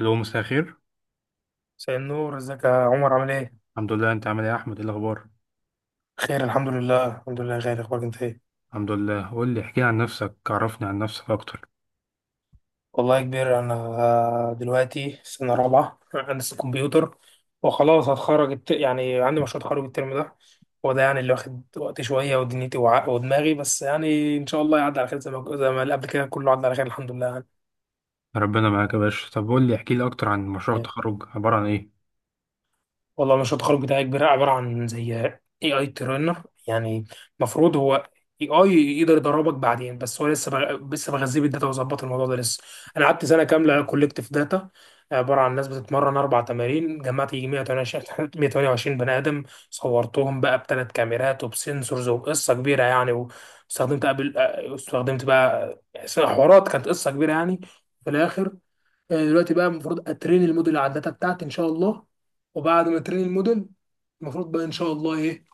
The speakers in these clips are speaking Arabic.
الو، مساء الخير. مساء النور، ازيك يا عمر؟ عامل ايه؟ الحمد لله، انت عامل ايه يا احمد؟ ايه الاخبار؟ خير، الحمد لله الحمد لله. خير اخبارك انت ايه؟ الحمد لله. قول لي احكي لي عن نفسك، عرفني عن نفسك اكتر. والله يا كبير، انا دلوقتي سنة رابعة هندسة كمبيوتر، وخلاص هتخرج يعني عندي مشروع تخرج الترم ده. هو ده يعني اللي واخد وقت شوية ودنيتي ودماغي، بس يعني ان شاء الله يعدي على خير، زي ما اللي قبل كده كله عدى على خير الحمد لله. ربنا معاك يا باشا. طب قول لي احكي لي اكتر عن مشروع يعني التخرج، عبارة عن ايه؟ ان والله مشروع التخرج بتاعي كبير، عبارة عن زي اي اي ترينر يعني. المفروض هو اي اي يقدر يدربك بعدين، بس هو لسه بغذيه بالداتا وظبط الموضوع ده لسه. انا قعدت سنة كاملة كولكتيف داتا، عبارة عن ناس بتتمرن اربع تمارين، جمعت يجي 128 128 بني ادم. صورتهم بقى بثلاث كاميرات وبسنسورز وقصة كبيرة يعني، واستخدمت قبل استخدمت بقى حوارات، كانت قصة كبيرة يعني. في الاخر دلوقتي بقى المفروض اترين الموديل على الداتا بتاعتي ان شاء الله، وبعد ما ترين الموديل المفروض بقى ان شاء الله ايه,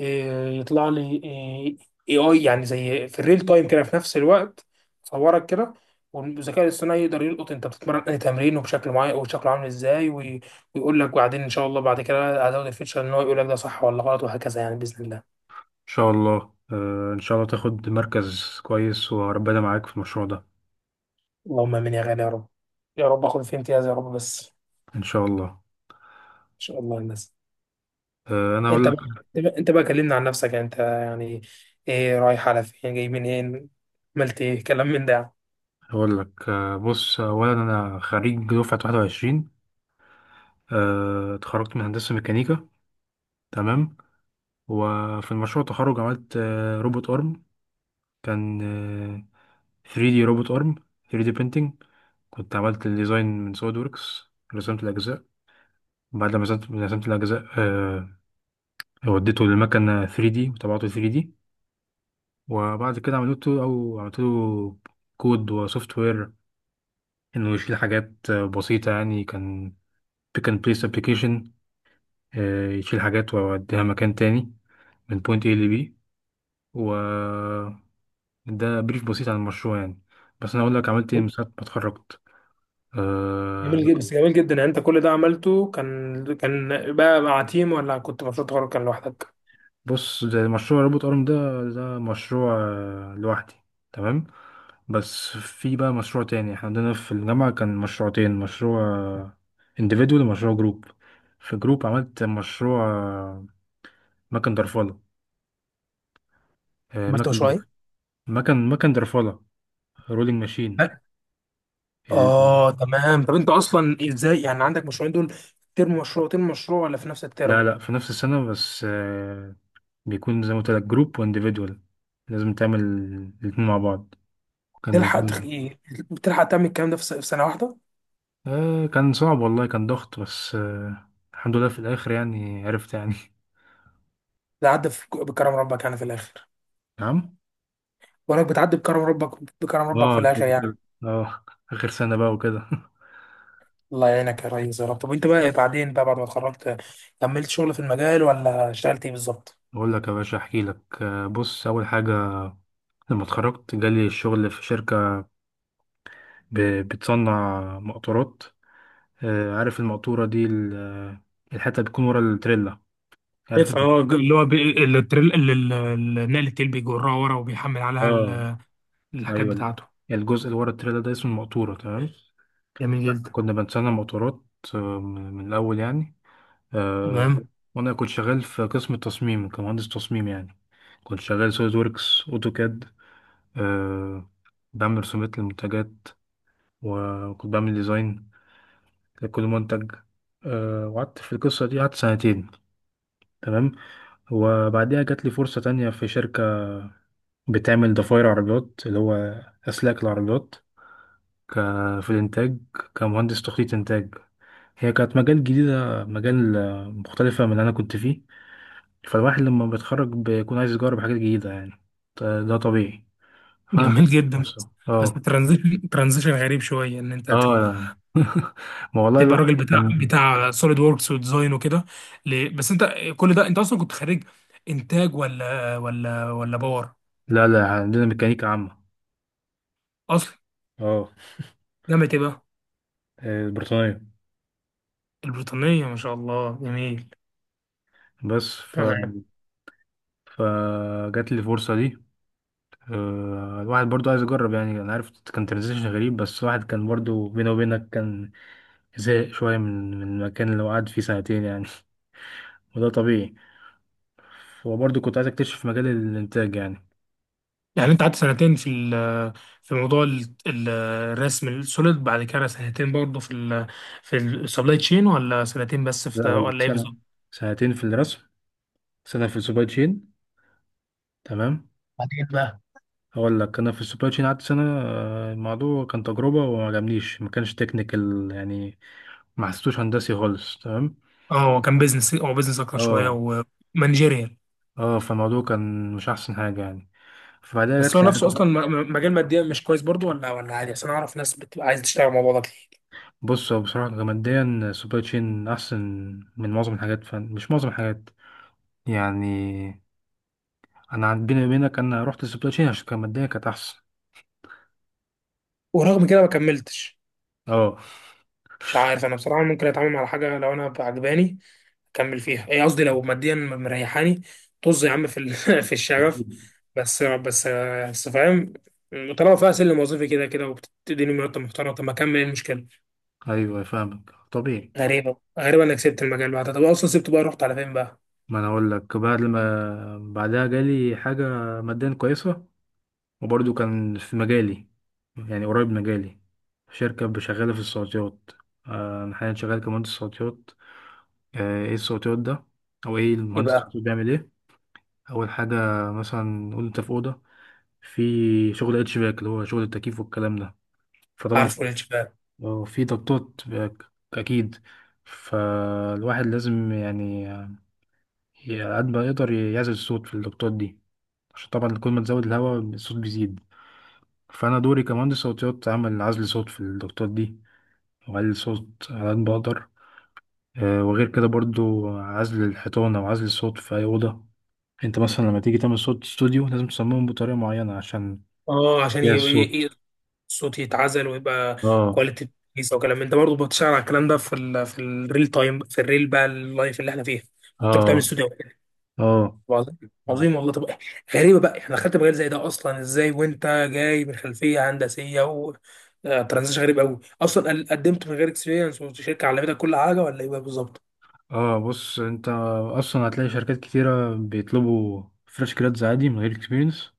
إيه يطلع لي اي اي، يعني زي في الريل تايم كده، في نفس الوقت صورك كده والذكاء الاصطناعي يقدر يلقط انت بتتمرن اي تمرين وبشكل معين وشكله عامل ازاي، ويقول لك. وبعدين ان شاء الله بعد كده هزود الفيتشر ان هو يقول لك ده صح ولا غلط وهكذا يعني باذن الله. شاء الله. ان شاء الله تاخد مركز كويس، وربنا معاك في المشروع ده. اللهم امين يا غالي، يا رب. يا رب اخد فيه امتياز يا رب، بس ان ان شاء الله. شاء الله. الناس انا اقول انت بقى، لك انت بقى كلمنا عن نفسك انت يعني. ايه؟ رايح على فين جاي منين، عملت ايه، كلام من ده يعني. اقول لك بص، اولا انا خريج دفعة 21. اتخرجت من هندسة ميكانيكا. تمام. وفي المشروع التخرج عملت روبوت ارم. كان آه، 3D روبوت ارم، 3D printing. كنت عملت الديزاين من سوليد وركس، رسمت الاجزاء. بعد ما رسمت الاجزاء، وديته للمكنه 3D وطبعته 3D. وبعد كده عملت له كود وسوفت وير، انه يشيل حاجات بسيطه، يعني كان pick and place application. يشيل حاجات ويوديها مكان تاني، من point A ل B. و ده بريف بسيط عن المشروع، يعني بس انا اقول لك عملت ايه من ساعه ما اتخرجت. آه، جميل جدا، يعني انت كل ده عملته كان بقى مع تيم، ولا كنت مشروع تخرج كان لوحدك؟ بص، ده مشروع روبوت ارم. ده مشروع لوحدي. تمام. بس في بقى مشروع تاني، احنا عندنا في الجامعة كان مشروعتين: مشروع انديفيدوال ومشروع جروب. في جروب عملت مشروع مكن درفلة. آه، عملت مكن مشروعين؟ درف- مكن درفلة، رولينج ماشين. لا. ال... اه تمام. طب انت اصلا ازاي يعني عندك مشروعين دول؟ ترم مشروع ترم مشروع ولا في نفس لا الترم؟ لا، في نفس السنة، بس بيكون زي ما قلت لك، جروب وانديفيدوال، لازم تعمل الاتنين مع بعض. كان تلحق تخ... نظام. ايه؟ تلحق تعمل الكلام ده في سنه واحده؟ كان صعب، والله كان ضغط، بس الحمد لله في الآخر، يعني عرفت يعني بكرم ربك يعني في الاخر. نعم. وانك بتعدي بكرم ربك في اه، الاخر كده كده. يعني. اه. آخر سنة بقى وكده الله يعينك يا ريس، يا رب. طب وانت بقى، إيه بعدين بقى بعد ما اتخرجت؟ كملت شغل في المجال ولا اشتغلت ايه بالظبط؟ أقول لك يا باشا، أحكي لك بص، أول حاجة لما اتخرجت جالي الشغل في شركة بتصنع مقطورات. عارف المقطورة دي، الحتة اللي بتكون ورا التريلا، عارف انت؟ فهو اللي هو بي... اللي التريل... اللي ال- ال- نقل التيل بيجرها ورا وبيحمل عليها اه. الحاجات أيوه. بتاعته. الجزء اللي ورا التريلا ده اسمه المقطورة، تمام. جميل جدا. كنا بنصنع مقطورات من الأول يعني. آه، تمام. وانا كنت شغال في قسم التصميم كمهندس تصميم يعني، كنت شغال سوليد ووركس اوتوكاد. أه. بعمل رسومات للمنتجات، وكنت بعمل ديزاين لكل منتج. أه. وقعدت في القصة دي قعدت سنتين. تمام. وبعديها جات لي فرصة تانية في شركة بتعمل ضفاير عربيات، اللي هو أسلاك العربيات، في الإنتاج، كمهندس تخطيط إنتاج. هي كانت مجال جديدة، مجال مختلفة من اللي أنا كنت فيه. فالواحد لما بيتخرج بيكون عايز يجرب حاجات جديدة يعني، ده طبيعي. فأنا خدت جميل جدا. فرصة. بس اه. ترانزيشن غريب شويه، ان انت تبقى اه، ما والله تبقى الواحد راجل بتاع كان. سوليد ووركس وديزاين وكده. بس انت كل ده، انت اصلا كنت خريج انتاج ولا باور لا لا، عندنا ميكانيكا عامة. اصلا؟ اه. جامعه ايه بقى؟ بريطانية. البريطانيه، ما شاء الله جميل. بس ف... تمام. فجات لي الفرصة دي. الواحد برضو عايز يجرب يعني، أنا عارف كان ترانزيشن غريب، بس الواحد كان برضو بينه وبينك كان زهق شوية من المكان اللي هو قعد فيه سنتين يعني وده طبيعي، وبرضو كنت عايز أكتشف مجال الإنتاج يعني. يعني انت قعدت سنتين في موضوع الرسم السوليد، بعد كده سنتين برضه في ال في السبلاي تشين، ولا سنتين بس في لا ده، ولا ولا ايه سنة. بالظبط؟ سنتين في الرسم، سنة في السوبر تشين. تمام. بعدين بقى. هقول لك، أنا في السوبر تشين قعدت سنة. الموضوع كان تجربة وما عجبنيش، ما كانش تكنيكال يعني، ما حسيتوش هندسي خالص. تمام. اه هو كان بيزنس، هو بيزنس اكتر شويه اه. ومانجيريال. اه. فالموضوع كان مش أحسن حاجة يعني، فبعدها بس جات هو لي نفسه عزة. اصلا مجال ماديا مش كويس برضه، ولا ولا عادي؟ عشان اعرف ناس بتبقى عايزه تشتغل مع بعضها كتير. بص، هو بصراحة كماديا السوبر تشين أحسن من معظم الحاجات، مش معظم الحاجات يعني. بيني وبينك، أنا رحت السوبر تشين عشان كماديا كانت أحسن. ورغم كده ما كملتش. اه. مش عارف، انا بصراحه ممكن اتعامل مع حاجه لو انا عجباني كمل فيها. ايه قصدي؟ لو ماديا مريحاني، طز يا عم في الشغف. أكيد. بس فاهم. طالما فيها سلم وظيفي كده كده وبتديني مرتب محترم، طب ما اكمل، إيه المشكله؟ أيوه، فاهمك طبيعي. غريبه انك سبت المجال بعدها. طب اصلا سبته بقى رحت على فين بقى؟ ما انا اقول لك، بعد ما بعدها جالي حاجه ماديا كويسه، وبرضه كان في مجالي، يعني قريب مجالي، شركه شغاله في الصوتيات. انا حاليا شغال كمهندس صوتيات. ايه الصوتيات ده؟ او ايه المهندس يبقى الصوتي بيعمل ايه؟ اول حاجه، مثلا نقول انت في اوضه، في شغل اتش باك، اللي هو شغل التكييف والكلام ده. فطبعا عارفه الانشغال. في ضغطات اكيد، فالواحد لازم يعني على قد ما يقدر يعزل الصوت في الضغطات دي، عشان طبعا كل ما تزود الهواء الصوت بيزيد. فأنا دوري كمهندس صوتيات أعمل عزل صوت في الضغطات دي، وأقلل صوت على قد ما بقدر. وغير كده برضو عزل الحيطان أو عزل الصوت في أي أوضة. أنت مثلا لما تيجي تعمل صوت استوديو لازم تصممه بطريقة معينة عشان اه، عشان يا يبقى الصوت. صوتي يتعزل ويبقى اه. كواليتي كويسه، وكلام من ده. برضه بتشتغل على الكلام ده في ال في الريل تايم، في الريل بقى اللايف اللي احنا فيه، تروح تعمل اه. استوديو. اه. عظيم. عظيم والله. طب غريبه بقى، احنا دخلت مجال زي ده اصلا ازاي وانت جاي من خلفيه هندسيه و ترانزيشن غريب قوي اصلا؟ قدمت من غير اكسبيرينس والشركه علمتك كل حاجه، ولا ايه بقى بالظبط؟ اه. بص، انت اصلا هتلاقي شركات كتيرة بيطلبوا فريش جرادز عادي من غير اكسبيرينس،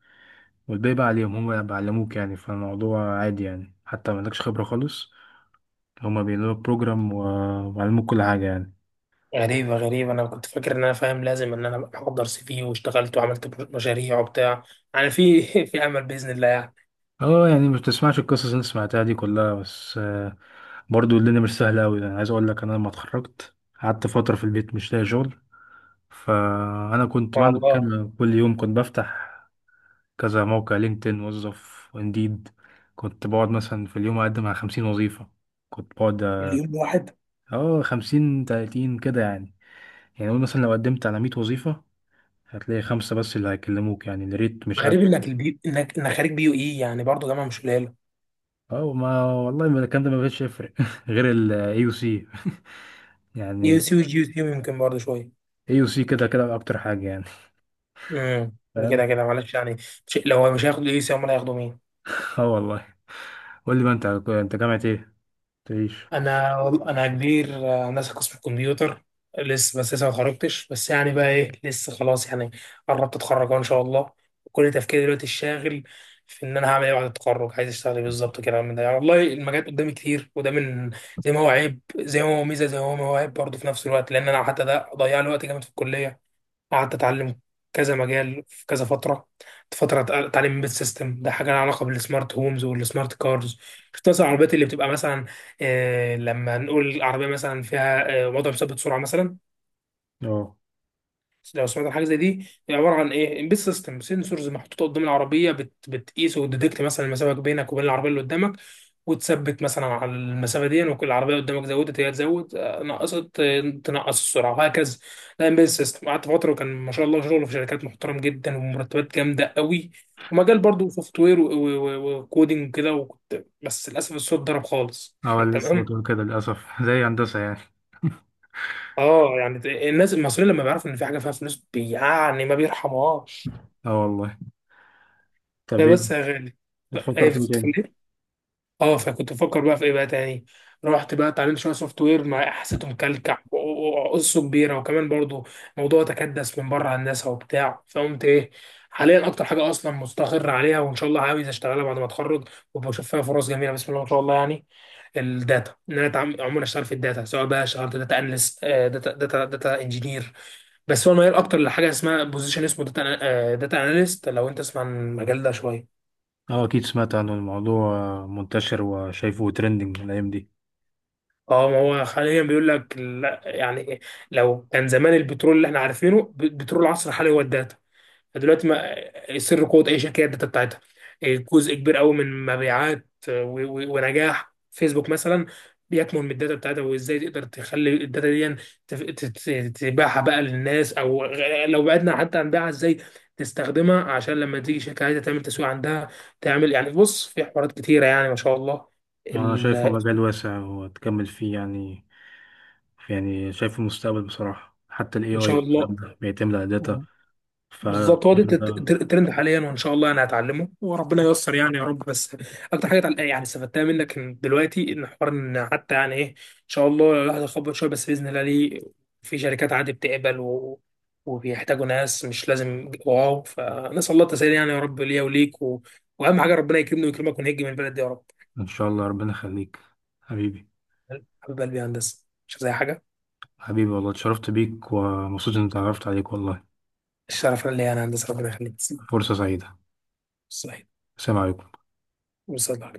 والباقي بقى عليهم، هم بيعلموك يعني. فالموضوع عادي يعني، حتى ما عندكش خبرة خالص، هما بيعملوا بروجرام و- وعلموك كل حاجة يعني. غريبة أنا كنت فاكر إن أنا فاهم لازم إن أنا أحضر سي في واشتغلت وعملت مشاريع وبتاع، يعني في أمل بإذن الله يعني. اه. يعني مش بتسمعش القصص اللي انت سمعتها دي كلها، بس برضو الدنيا مش سهلة أوي يعني. عايز أقول لك، أنا لما اتخرجت قعدت فترة في البيت مش لاقي شغل. فأنا كنت بعمل والله. كده، كل يوم كنت بفتح كذا موقع، لينكدين، وظف، وانديد. كنت بقعد مثلا في اليوم أقدم على 50 وظيفة. كنت بقعد، اليوم الواحد. اه، 50 30 كده يعني. يعني قول مثلا لو قدمت على 100 وظيفة، هتلاقي خمسة بس اللي هيكلموك، يعني الريت مش. غريب إنك إنك خارج بي يو إي، يعني برضه جامعة مش قليلة. اه، ما والله، ما الكلام ده ما بقتش يفرق غير الاي يو سي يو يعني. سي وجي يو سي يمكن برضه شوية. اي يو سي كده كده اكتر حاجه يعني. امم كده فاهم. كده معلش يعني. شيء لو مش هياخدوا اي سي، امال هياخدوا مين؟ اه، والله. قول لي بقى، انت جامعه ايه؟ تعيش. انا كبير هندسه قسم الكمبيوتر. لسه، بس لسه ما اتخرجتش، بس يعني بقى ايه، لسه خلاص يعني، قربت اتخرج أهو ان شاء الله. كل تفكيري دلوقتي الشاغل في ان انا هعمل ايه بعد التخرج، عايز اشتغل ايه بالظبط كده من ده يعني. والله المجالات قدامي كتير، وده من زي ما هو عيب زي ما هو ميزه، زي ما هو عيب برضه في نفس الوقت، لان انا حتى ده ضيع لي وقت جامد في الكليه، قعدت اتعلم كذا مجال في كذا فتره. تعليم البيت سيستم، ده حاجه لها علاقه بالسمارت هومز والسمارت كارز. شفت مثلا العربيات اللي بتبقى مثلا لما نقول العربيه مثلا فيها وضع مثبت سرعه مثلا. اه. لو سمعت عن حاجه زي دي، هي عباره عن ايه؟ امبيد سيستم، سنسورز محطوطه قدام العربيه بتقيس وتديتكت مثلا المسافه بينك وبين العربيه اللي قدامك، وتثبت مثلا على المسافه دي، وكل العربيه قدامك زودت هي تزود، نقصت تنقص السرعه وهكذا. ده امبيد سيستم. قعدت فتره وكان ما شاء الله شغله في شركات محترم جدا ومرتبات جامده قوي، ومجال برضه سوفت وير وكودينج وكده، وكنت، بس للاسف الصوت ضرب خالص اه، لسه كنت تمام. بقول كده للاسف زي هندسه يعني. اه يعني الناس المصريين لما بيعرفوا ان في حاجه فيها فلوس يعني ما بيرحموهاش. اه، والله. طب هي ايه بس يا غالي، بتفكر ايه، فيه تاني؟ بتتفلت. اه، فكنت بفكر بقى في ايه بقى تاني. رحت بقى اتعلمت شويه سوفت وير مع حسيته مكلكع وقصه كبيره، وكمان برضو موضوع تكدس من بره هندسه وبتاع، فقمت ايه، حاليا اكتر حاجه اصلا مستقر عليها وان شاء الله عاوز اشتغلها بعد ما اتخرج، وبشوف فيها فرص جميله بسم الله ما شاء الله يعني، الداتا. ان انا عموما اشتغل في الداتا، سواء بقى اشتغلت داتا اناليست داتا انجينير، بس هو الميال اكتر لحاجه اسمها بوزيشن اسمه داتا اناليست. لو انت تسمع عن المجال ده شويه. اه، اكيد سمعت عن الموضوع، منتشر وشايفه ترندنج الايام دي. اه ما هو حاليا بيقول لك، لا يعني، لو كان زمان البترول اللي احنا عارفينه، بترول العصر الحالي هو الداتا. فدلوقتي ما سر قوة أي شركة هي الداتا بتاعتها. جزء كبير قوي من مبيعات ونجاح فيسبوك مثلا بيكمن من الداتا بتاعتها، وازاي تقدر تخلي الداتا دي تف- تت- تبيعها بقى للناس، او لو بعدنا حتى عن بيعها، ازاي تستخدمها عشان لما تيجي شركة عايزة تعمل تسويق عندها تعمل يعني، بص في حوارات كتيرة يعني ما شاء الله اه، انا شايفه ال- مجال واسع وتكمل فيه يعني، يعني شايفه المستقبل بصراحه، حتى الاي ان اي شاء الله. والكلام ده بيعتمد على داتا. ف بالظبط، هو ده الترند حاليا، وان شاء الله انا هتعلمه وربنا ييسر يعني يا رب بس. اكتر حاجه يعني استفدتها منك، إن دلوقتي ان حوار ان حتى يعني ايه ان شاء الله الواحد يخبط شويه، بس باذن الله ليه في شركات عادي بتقبل وبيحتاجوا ناس مش لازم واو، فنسال الله التسهيل يعني يا رب ليا وليك واهم حاجه ربنا يكرمني ويكرمك ونهج من البلد دي يا رب. ان شاء الله ربنا يخليك حبيبي. حبيب قلبي يا هندسه مش زي حاجه. حبيبي والله، اتشرفت بيك ومبسوط اني اتعرفت عليك والله. الشرف ليا انا هندسه ربنا يخليك. فرصة سعيدة. صحيح. السلام عليكم. وصلى